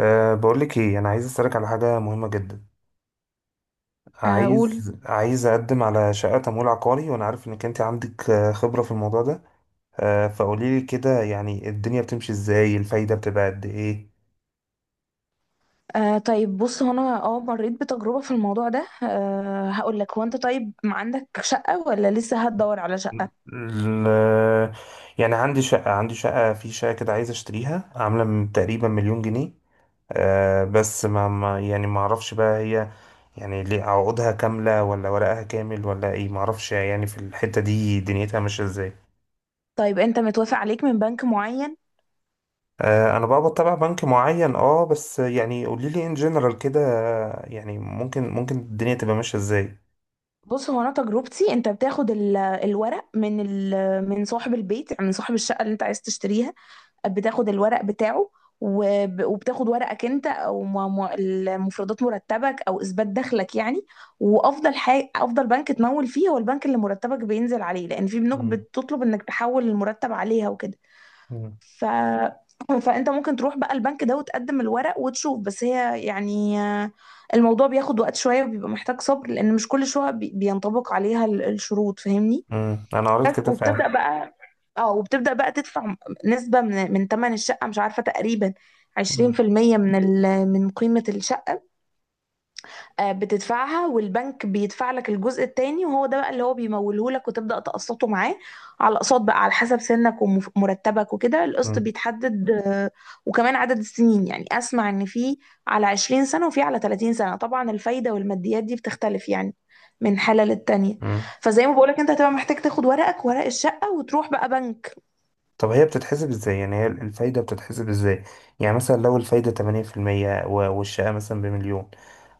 بقولك ايه، انا عايز اسالك على حاجه مهمه جدا. اقول. عايز اقدم على شقه تمويل عقاري، وانا عارف انك انت عندك خبره في الموضوع ده. فقوليلي كده، يعني الدنيا بتمشي ازاي؟ الفايده بتبقى قد ايه؟ طيب بص، هو انا مريت بتجربة في الموضوع ده. هقول لك، هو انت طيب ما عندك شقة ولا لسه هتدور على شقة؟ ال- يعني عندي شقه، عندي شقه في شقه كده عايز اشتريها، عامله من تقريبا مليون جنيه. بس يعني ما اعرفش بقى هي يعني ليه، عقودها كامله ولا ورقها كامل ولا ايه؟ ما اعرفش يعني في الحته دي دنيتها ماشيه ازاي. طيب انت متوافق عليك من بنك معين؟ انا بقى بتابع بنك معين، بس يعني قولي لي ان جنرال كده، يعني ممكن الدنيا تبقى ماشيه ازاي. بص هو انا تجربتي، انت بتاخد الورق من من صاحب البيت، يعني من صاحب الشقة اللي انت عايز تشتريها. بتاخد الورق بتاعه، وبتاخد ورقك انت، او المفردات، مرتبك او اثبات دخلك يعني. وافضل حاجه، افضل بنك تمول فيه هو البنك اللي مرتبك بينزل عليه، لان في بنوك مم. بتطلب انك تحول المرتب عليها وكده. مم. ف فانت ممكن تروح بقى البنك ده وتقدم الورق وتشوف. بس هي يعني، الموضوع بياخد وقت شويه، وبيبقى محتاج صبر، لان مش كل شويه بينطبق عليها الشروط، فاهمني. انا بس قريت كده وبتبدأ فعلا. بقى اه وبتبدأ بقى تدفع نسبة من تمن الشقة، مش عارفة، تقريبا عشرين مم. في المية من من قيمة الشقة. بتدفعها، والبنك بيدفع لك الجزء التاني، وهو ده بقى اللي هو بيموله لك، وتبدأ تقسطه معاه على اقساط بقى، على حسب سنك ومرتبك وكده القسط امم. بيتحدد. وكمان عدد السنين، يعني اسمع ان في على 20 سنة وفي على 30 سنة. طبعا الفايدة والماديات دي بتختلف يعني من حالة للتانية. امم. فزي ما بقولك، انت هتبقى محتاج تاخد ورقك، ورق الشقة، وتروح بقى بنك. طب هي بتتحسب ازاي؟ يعني هي الفايده بتتحسب ازاي؟ يعني مثلا لو الفايده 8% والشقه مثلا بمليون،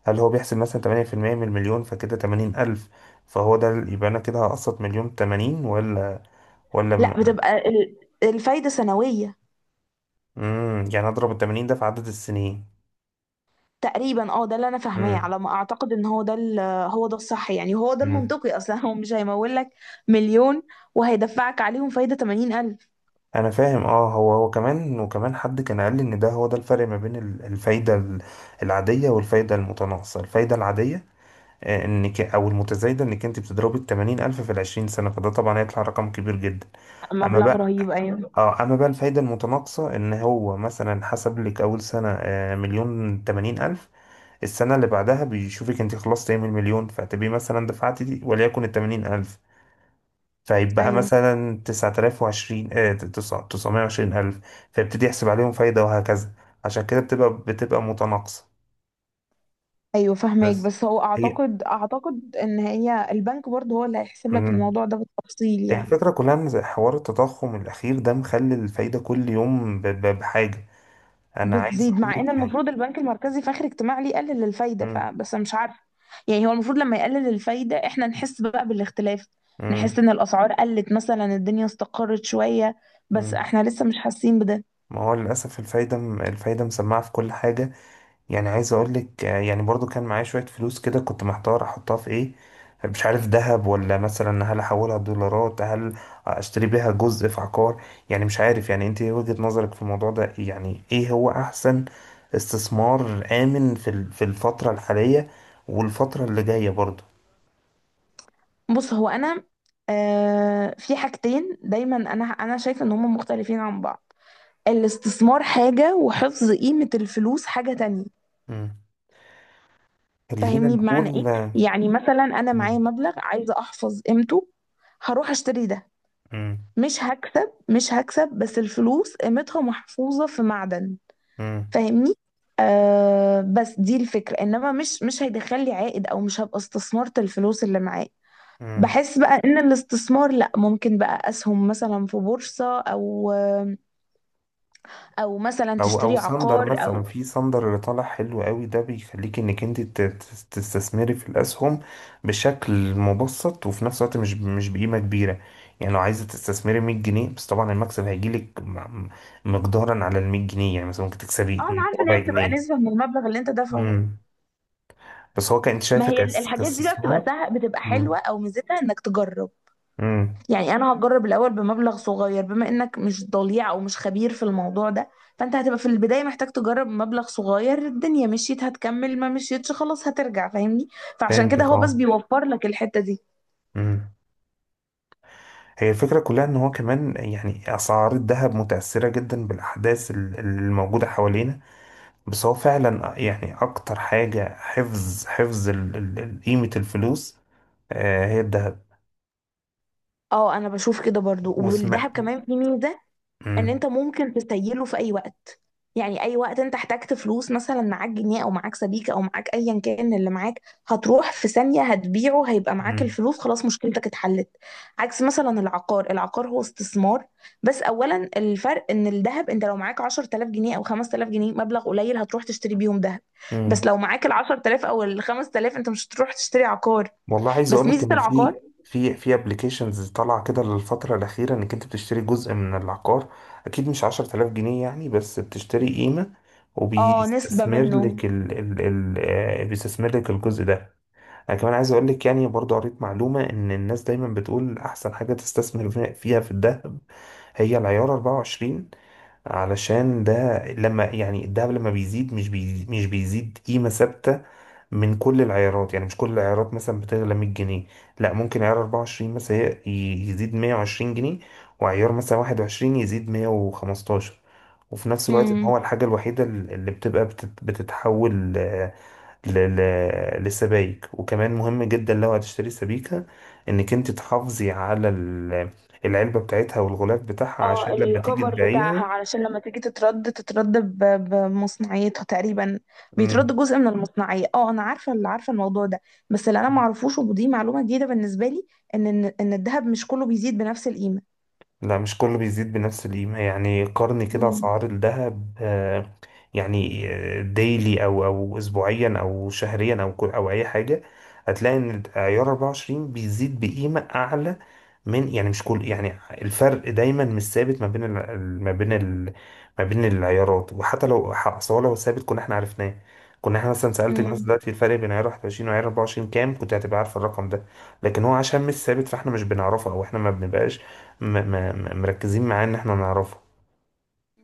هل هو بيحسب مثلا 8% من المليون، فكده 80,000؟ فهو ده يبقى انا كده هقسط مليون 80؟ ولا؟ لا، بتبقى الفايدة سنوية يعني اضرب ال 80 ده في عدد السنين؟ تقريبا. اه ده اللي انا فاهماه، امم. على ما اعتقد ان هو ده هو ده الصح، يعني هو ده المنطقي اصلا. هو مش هيمول لك مليون وهيدفعك عليهم فايدة 80,000، انا فاهم، اه هو كمان، وكمان حد كان قال لي ان ده، هو ده الفرق ما بين الفايده العاديه والفايده المتناقصه. الفايده العاديه انك، او المتزايده، انك انت بتضربي ال 80 الف في ال 20 سنه، فده طبعا هيطلع رقم كبير جدا. اما مبلغ بقى، رهيب. ايوه، اه اما بقى الفايده المتناقصه، ان هو مثلا حسب لك اول سنه مليون 80 الف، السنه اللي بعدها بيشوفك انت خلصت ايه من المليون، فتبقي مثلا دفعتي دي، وليكن ال 80 الف، فيبقى ايوه، مثلا 9,020، 920,000، فيبتدي يحسب عليهم فايدة، وهكذا. عشان كده بتبقى متناقصة. ايوه، فاهماك، بس بس هو هي. اعتقد ان هي البنك برضه هو اللي هيحسب لك مم. الموضوع ده بالتفصيل هي يعني. الفكرة كلها، إن زي حوار التضخم الأخير ده، مخلي الفايدة كل يوم بحاجة. أنا عايز بتزيد، أقول مع ان لك يعني. المفروض البنك المركزي في اخر اجتماع ليه يقلل الفايده، مم. فبس أنا مش عارفه. يعني هو المفروض لما يقلل الفايده احنا نحس بقى بالاختلاف، نحس مم. ان الاسعار قلت مثلا، الدنيا استقرت شويه، بس مم. احنا لسه مش حاسين بده. ما هو للأسف الفايدة، مسمعة في كل حاجة. يعني عايز اقول لك، يعني برضو كان معايا شوية فلوس كده، كنت محتار احطها في ايه. مش عارف، ذهب؟ ولا مثلا هل احولها دولارات؟ هل اشتري بيها جزء في عقار؟ يعني مش عارف، يعني انت إيه وجهة نظرك في الموضوع ده؟ يعني ايه هو احسن استثمار آمن في في الفترة الحالية، والفترة اللي جاية برضو؟ بص هو انا، في حاجتين دايما انا شايفه ان هما مختلفين عن بعض. الاستثمار حاجه، وحفظ قيمه الفلوس حاجه تانية. مم. خلينا فاهمني نقول، بمعنى ايه؟ مم. يعني مثلا انا معايا مبلغ عايزه احفظ قيمته، هروح اشتري ده. مم. مش هكسب، مش هكسب، بس الفلوس قيمتها محفوظة في معدن، مم. فاهمني. بس دي الفكرة، انما مش هيدخل لي عائد، او مش هبقى استثمرت الفلوس اللي معايا. مم. بحس بقى ان الاستثمار لا، ممكن بقى اسهم مثلا في بورصة، او مثلا او تشتري صندر، عقار مثلا او. في صندر، اللي طالع حلو قوي ده، بيخليك انك انت تستثمري في الاسهم بشكل مبسط، وفي نفس الوقت مش بقيمه كبيره. يعني لو عايزه تستثمري 100 جنيه بس، طبعا المكسب هيجيلك مقدارا على ال 100 جنيه، يعني مثلا ممكن اه، انا تكسبي عارفة ان ربع هي بتبقى جنيه. نسبة من المبلغ اللي انت دافعه. امم. بس هو كانت ما شايفه هي الحاجات دي بقى بتبقى كاستثمار. سهل، بتبقى امم. حلوة، او ميزتها انك تجرب. امم. يعني انا هجرب الاول بمبلغ صغير، بما انك مش ضليع او مش خبير في الموضوع ده، فانت هتبقى في البدايه محتاج تجرب مبلغ صغير. الدنيا مشيت هتكمل، ما مشيتش خلاص هترجع، فاهمني. فعشان كده فهمتك، هو بس اه. بيوفر لك الحته دي. امم. هي الفكرة كلها، إن هو كمان يعني أسعار الذهب متأثرة جدا بالأحداث الموجودة حوالينا، بس هو فعلا يعني اكتر حاجة حفظ، قيمة الفلوس هي الذهب. اه، انا بشوف كده برضو، وسمع. والذهب كمان فيه ميزه ان مم. انت ممكن تسيله في اي وقت. يعني اي وقت انت احتجت فلوس، مثلا معاك جنيه او معاك سبيكه او معاك ايا كان اللي معاك، هتروح في ثانيه هتبيعه، هيبقى معاك مم. الفلوس، خلاص، مشكلتك اتحلت. عكس مثلا العقار، العقار هو استثمار. بس اولا الفرق ان الذهب انت لو معاك 10,000 جنيه او 5,000 جنيه، مبلغ قليل، هتروح تشتري بيهم ذهب، مم. بس لو معاك ال 10,000 او ال 5,000، انت مش هتروح تشتري عقار. والله عايز بس اقول لك، ميزه ان العقار، في في ابلكيشنز طالعه كده للفتره الاخيره، انك انت بتشتري جزء من العقار، اكيد مش 10,000 جنيه يعني، بس بتشتري قيمه، اه نسبه وبيستثمر منه. لك ال بيستثمر لك الجزء ده. انا كمان عايز اقول لك، يعني برضو قريت معلومة ان الناس دايما بتقول احسن حاجة تستثمر فيها في الذهب، هي العيار 24. علشان ده، لما يعني الذهب لما بيزيد، مش بيزيد قيمة ثابتة من كل العيارات. يعني مش كل العيارات مثلا بتغلى 100 جنيه، لا، ممكن عيار 24 مثلا يزيد 120 جنيه، وعيار مثلا 21 يزيد 115. وفي نفس الوقت، ان هو الحاجة الوحيدة اللي بتبقى بتتحول ل- للسبايك. وكمان مهم جدا لو هتشتري سبيكة، انك انت تحافظي على العلبة بتاعتها والغلاف بتاعها، عشان اه، لما تيجي الكفر تبيعيها. بتاعها، علشان لما تيجي تترد، تترد بمصنعيتها تقريبا، مم. بيترد جزء من المصنعية. اه انا عارفة، اللي عارفة الموضوع ده. بس اللي انا معرفوش، ودي معلومة جديدة بالنسبة لي، ان ان إن الذهب مش كله بيزيد بنفس القيمة. لا، مش كله بيزيد بنفس القيمة. يعني قارني كده مم. أسعار الذهب، يعني ديلي أو أسبوعيا أو شهريا أو كل، أو أي حاجة، هتلاقي إن عيار 24 بيزيد بقيمة أعلى من، يعني مش كل، يعني الفرق دايما مش ثابت ما بين ما بين ما بين العيارات. وحتى لو أصل هو لو ثابت كنا احنا عرفناه، كنا احنا مثلا سألت الناس مم. دلوقتي الفرق بين عيار 21 وعيار 24 كام، كنت هتبقى عارف الرقم ده. لكن هو عشان مش ثابت، فاحنا مش بنعرفه، او احنا ما بنبقاش م م مركزين معاه ان احنا نعرفه.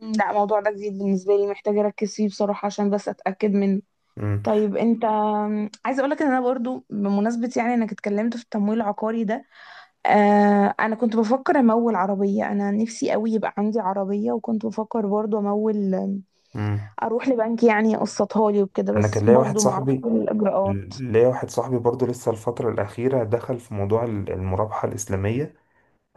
مم. لا، الموضوع ده جديد بالنسبة لي، محتاجة اركز فيه بصراحة عشان بس اتأكد منه. مم. طيب انت، عايزة اقولك ان انا برضو بمناسبة يعني انك اتكلمت في التمويل العقاري ده، انا كنت بفكر امول عربيه. انا نفسي قوي يبقى عندي عربيه، وكنت بفكر برضو امول، مم. اروح لبنك يعني يقسطها لي وكده، انا كان بس برضو معرفش الاجراءات. ليا واحد صاحبي برضو، لسه الفترة الأخيرة دخل في موضوع المرابحة الإسلامية.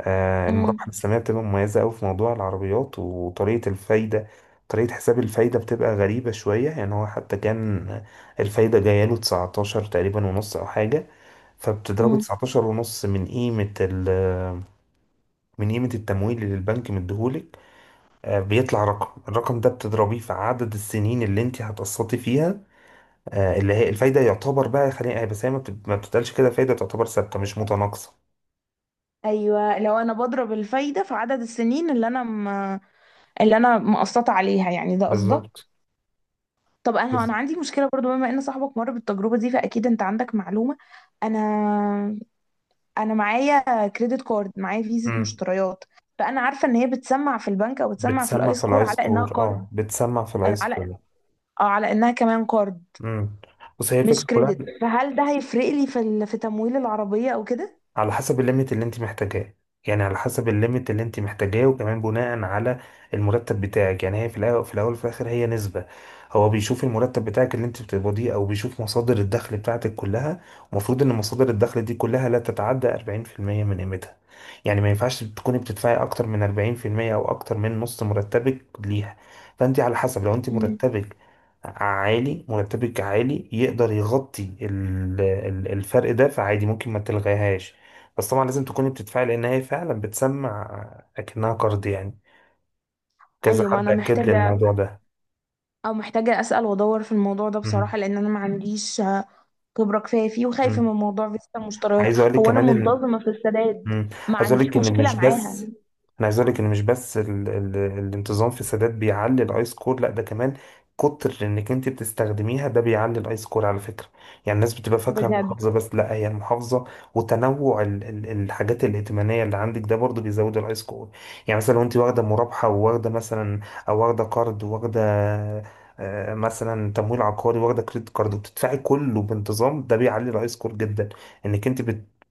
امم المرابحة الإسلامية بتبقى مميزة أوي في موضوع العربيات وطريقة الفايدة. طريقة حساب الفايدة بتبقى غريبة شوية، يعني هو حتى كان الفايدة جاية له 19 تقريبا ونص، أو حاجة. فبتضربه امم 19 ونص من قيمة التمويل اللي البنك مديهولك، بيطلع رقم. الرقم ده بتضربيه في عدد السنين اللي انت هتقسطي فيها، اللي هي الفايدة، يعتبر بقى، خلينا بس، هي ما بتتقالش كده فايدة، تعتبر ثابتة مش متناقصة. ايوه، لو انا بضرب الفايده في عدد السنين اللي انا مقسطه عليها، يعني ده قصدك؟ بالظبط. طب انا بالظبط. انا عندي مشكله برضو، بما ان صاحبك مر بالتجربه دي فاكيد انت عندك معلومه. انا انا معايا كريدت كارد، معايا فيزا امم. مشتريات، فانا عارفه ان هي بتسمع في البنك، او بتسمع في الاي بتسمع في سكور الاي على انها سكور، كارد، بتسمع في الاي على سكور. اه على انها كمان كارد، امم. بس هي مش الفكره كلها، كريدت. فهل ده هيفرق لي في في تمويل العربيه او كده؟ على حسب الليميت اللي انت محتاجاه، يعني على حسب الليميت اللي انت محتاجاه، وكمان بناء على المرتب بتاعك. يعني هي في الاول، وفي الاخر هي نسبة. هو بيشوف المرتب بتاعك اللي انت بتقبضيه، او بيشوف مصادر الدخل بتاعتك كلها. المفروض ان مصادر الدخل دي كلها لا تتعدى 40% من قيمتها، يعني ما ينفعش تكوني بتدفعي اكتر من 40%، او اكتر من نص مرتبك ليها. فانت على حسب، لو انت مم. مرتبك مرتبك عالي يقدر يغطي الفرق ده، فعادي ممكن ما تلغيهاش. بس طبعا لازم تكوني بتدفعي، لان هي فعلا بتسمع اكنها قرض يعني. كذا ايوه، ما حد انا اكد لي محتاجه الموضوع ده. او محتاجه اسال وادور في الموضوع ده مم. بصراحه، لان انا ما عنديش خبره كفايه فيه، وخايفه مم. من موضوع فيزا المشتريات. عايز اقول لك هو انا كمان. منتظمه في السداد، مم. ما عايز اقول عنديش لك ان مشكله مش بس. معاها، انا عايز اقول لك ان مش بس الانتظام في السادات بيعلي الاي سكور، لا ده كمان كتر انك انت بتستخدميها ده بيعلي الاي سكور على فكره. يعني الناس بتبقى فاكره بجد المحافظه بس، لا، هي المحافظه وتنوع الحاجات الائتمانيه اللي عندك، ده برضو بيزود الاي سكور. يعني مثلا لو انت واخده مرابحه، وواخده مثلا، او واخده قرض، وواخده مثلا تمويل عقاري، واخده كريدت كارد، وبتدفعي كله بانتظام، ده بيعلي الاي سكور جدا، انك انت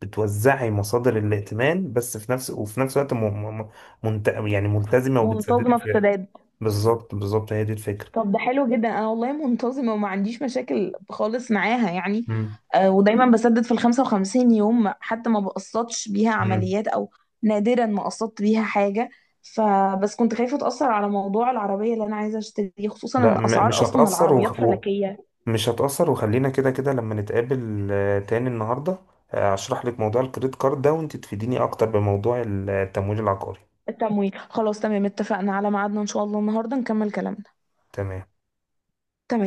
بتوزعي مصادر الائتمان. بس في نفس وفي نفس الوقت م... يعني ملتزمة وبتسددي منتظمه في في. السداد. بالظبط، بالظبط، هي دي الفكرة. طب ده حلو جدا، انا والله منتظمه وما عنديش مشاكل خالص معاها يعني. مم. ودايما بسدد في ال 55 يوم، حتى ما بقسطش بيها مم. عمليات، او نادرا ما قسطت بيها حاجه. فبس كنت خايفه اتاثر على موضوع العربيه اللي انا عايزه اشتريه، خصوصا لا، ان اسعار مش اصلا هتأثر. العربيات فلكيه. مش هتأثر. وخلينا كده كده لما نتقابل تاني النهاردة، أشرح لك موضوع الكريدت كارد ده، وأنت تفيديني أكتر بموضوع التمويل العقاري. التمويل خلاص تمام، اتفقنا على ميعادنا، ان شاء الله النهارده نكمل كلامنا. تمام. تمام.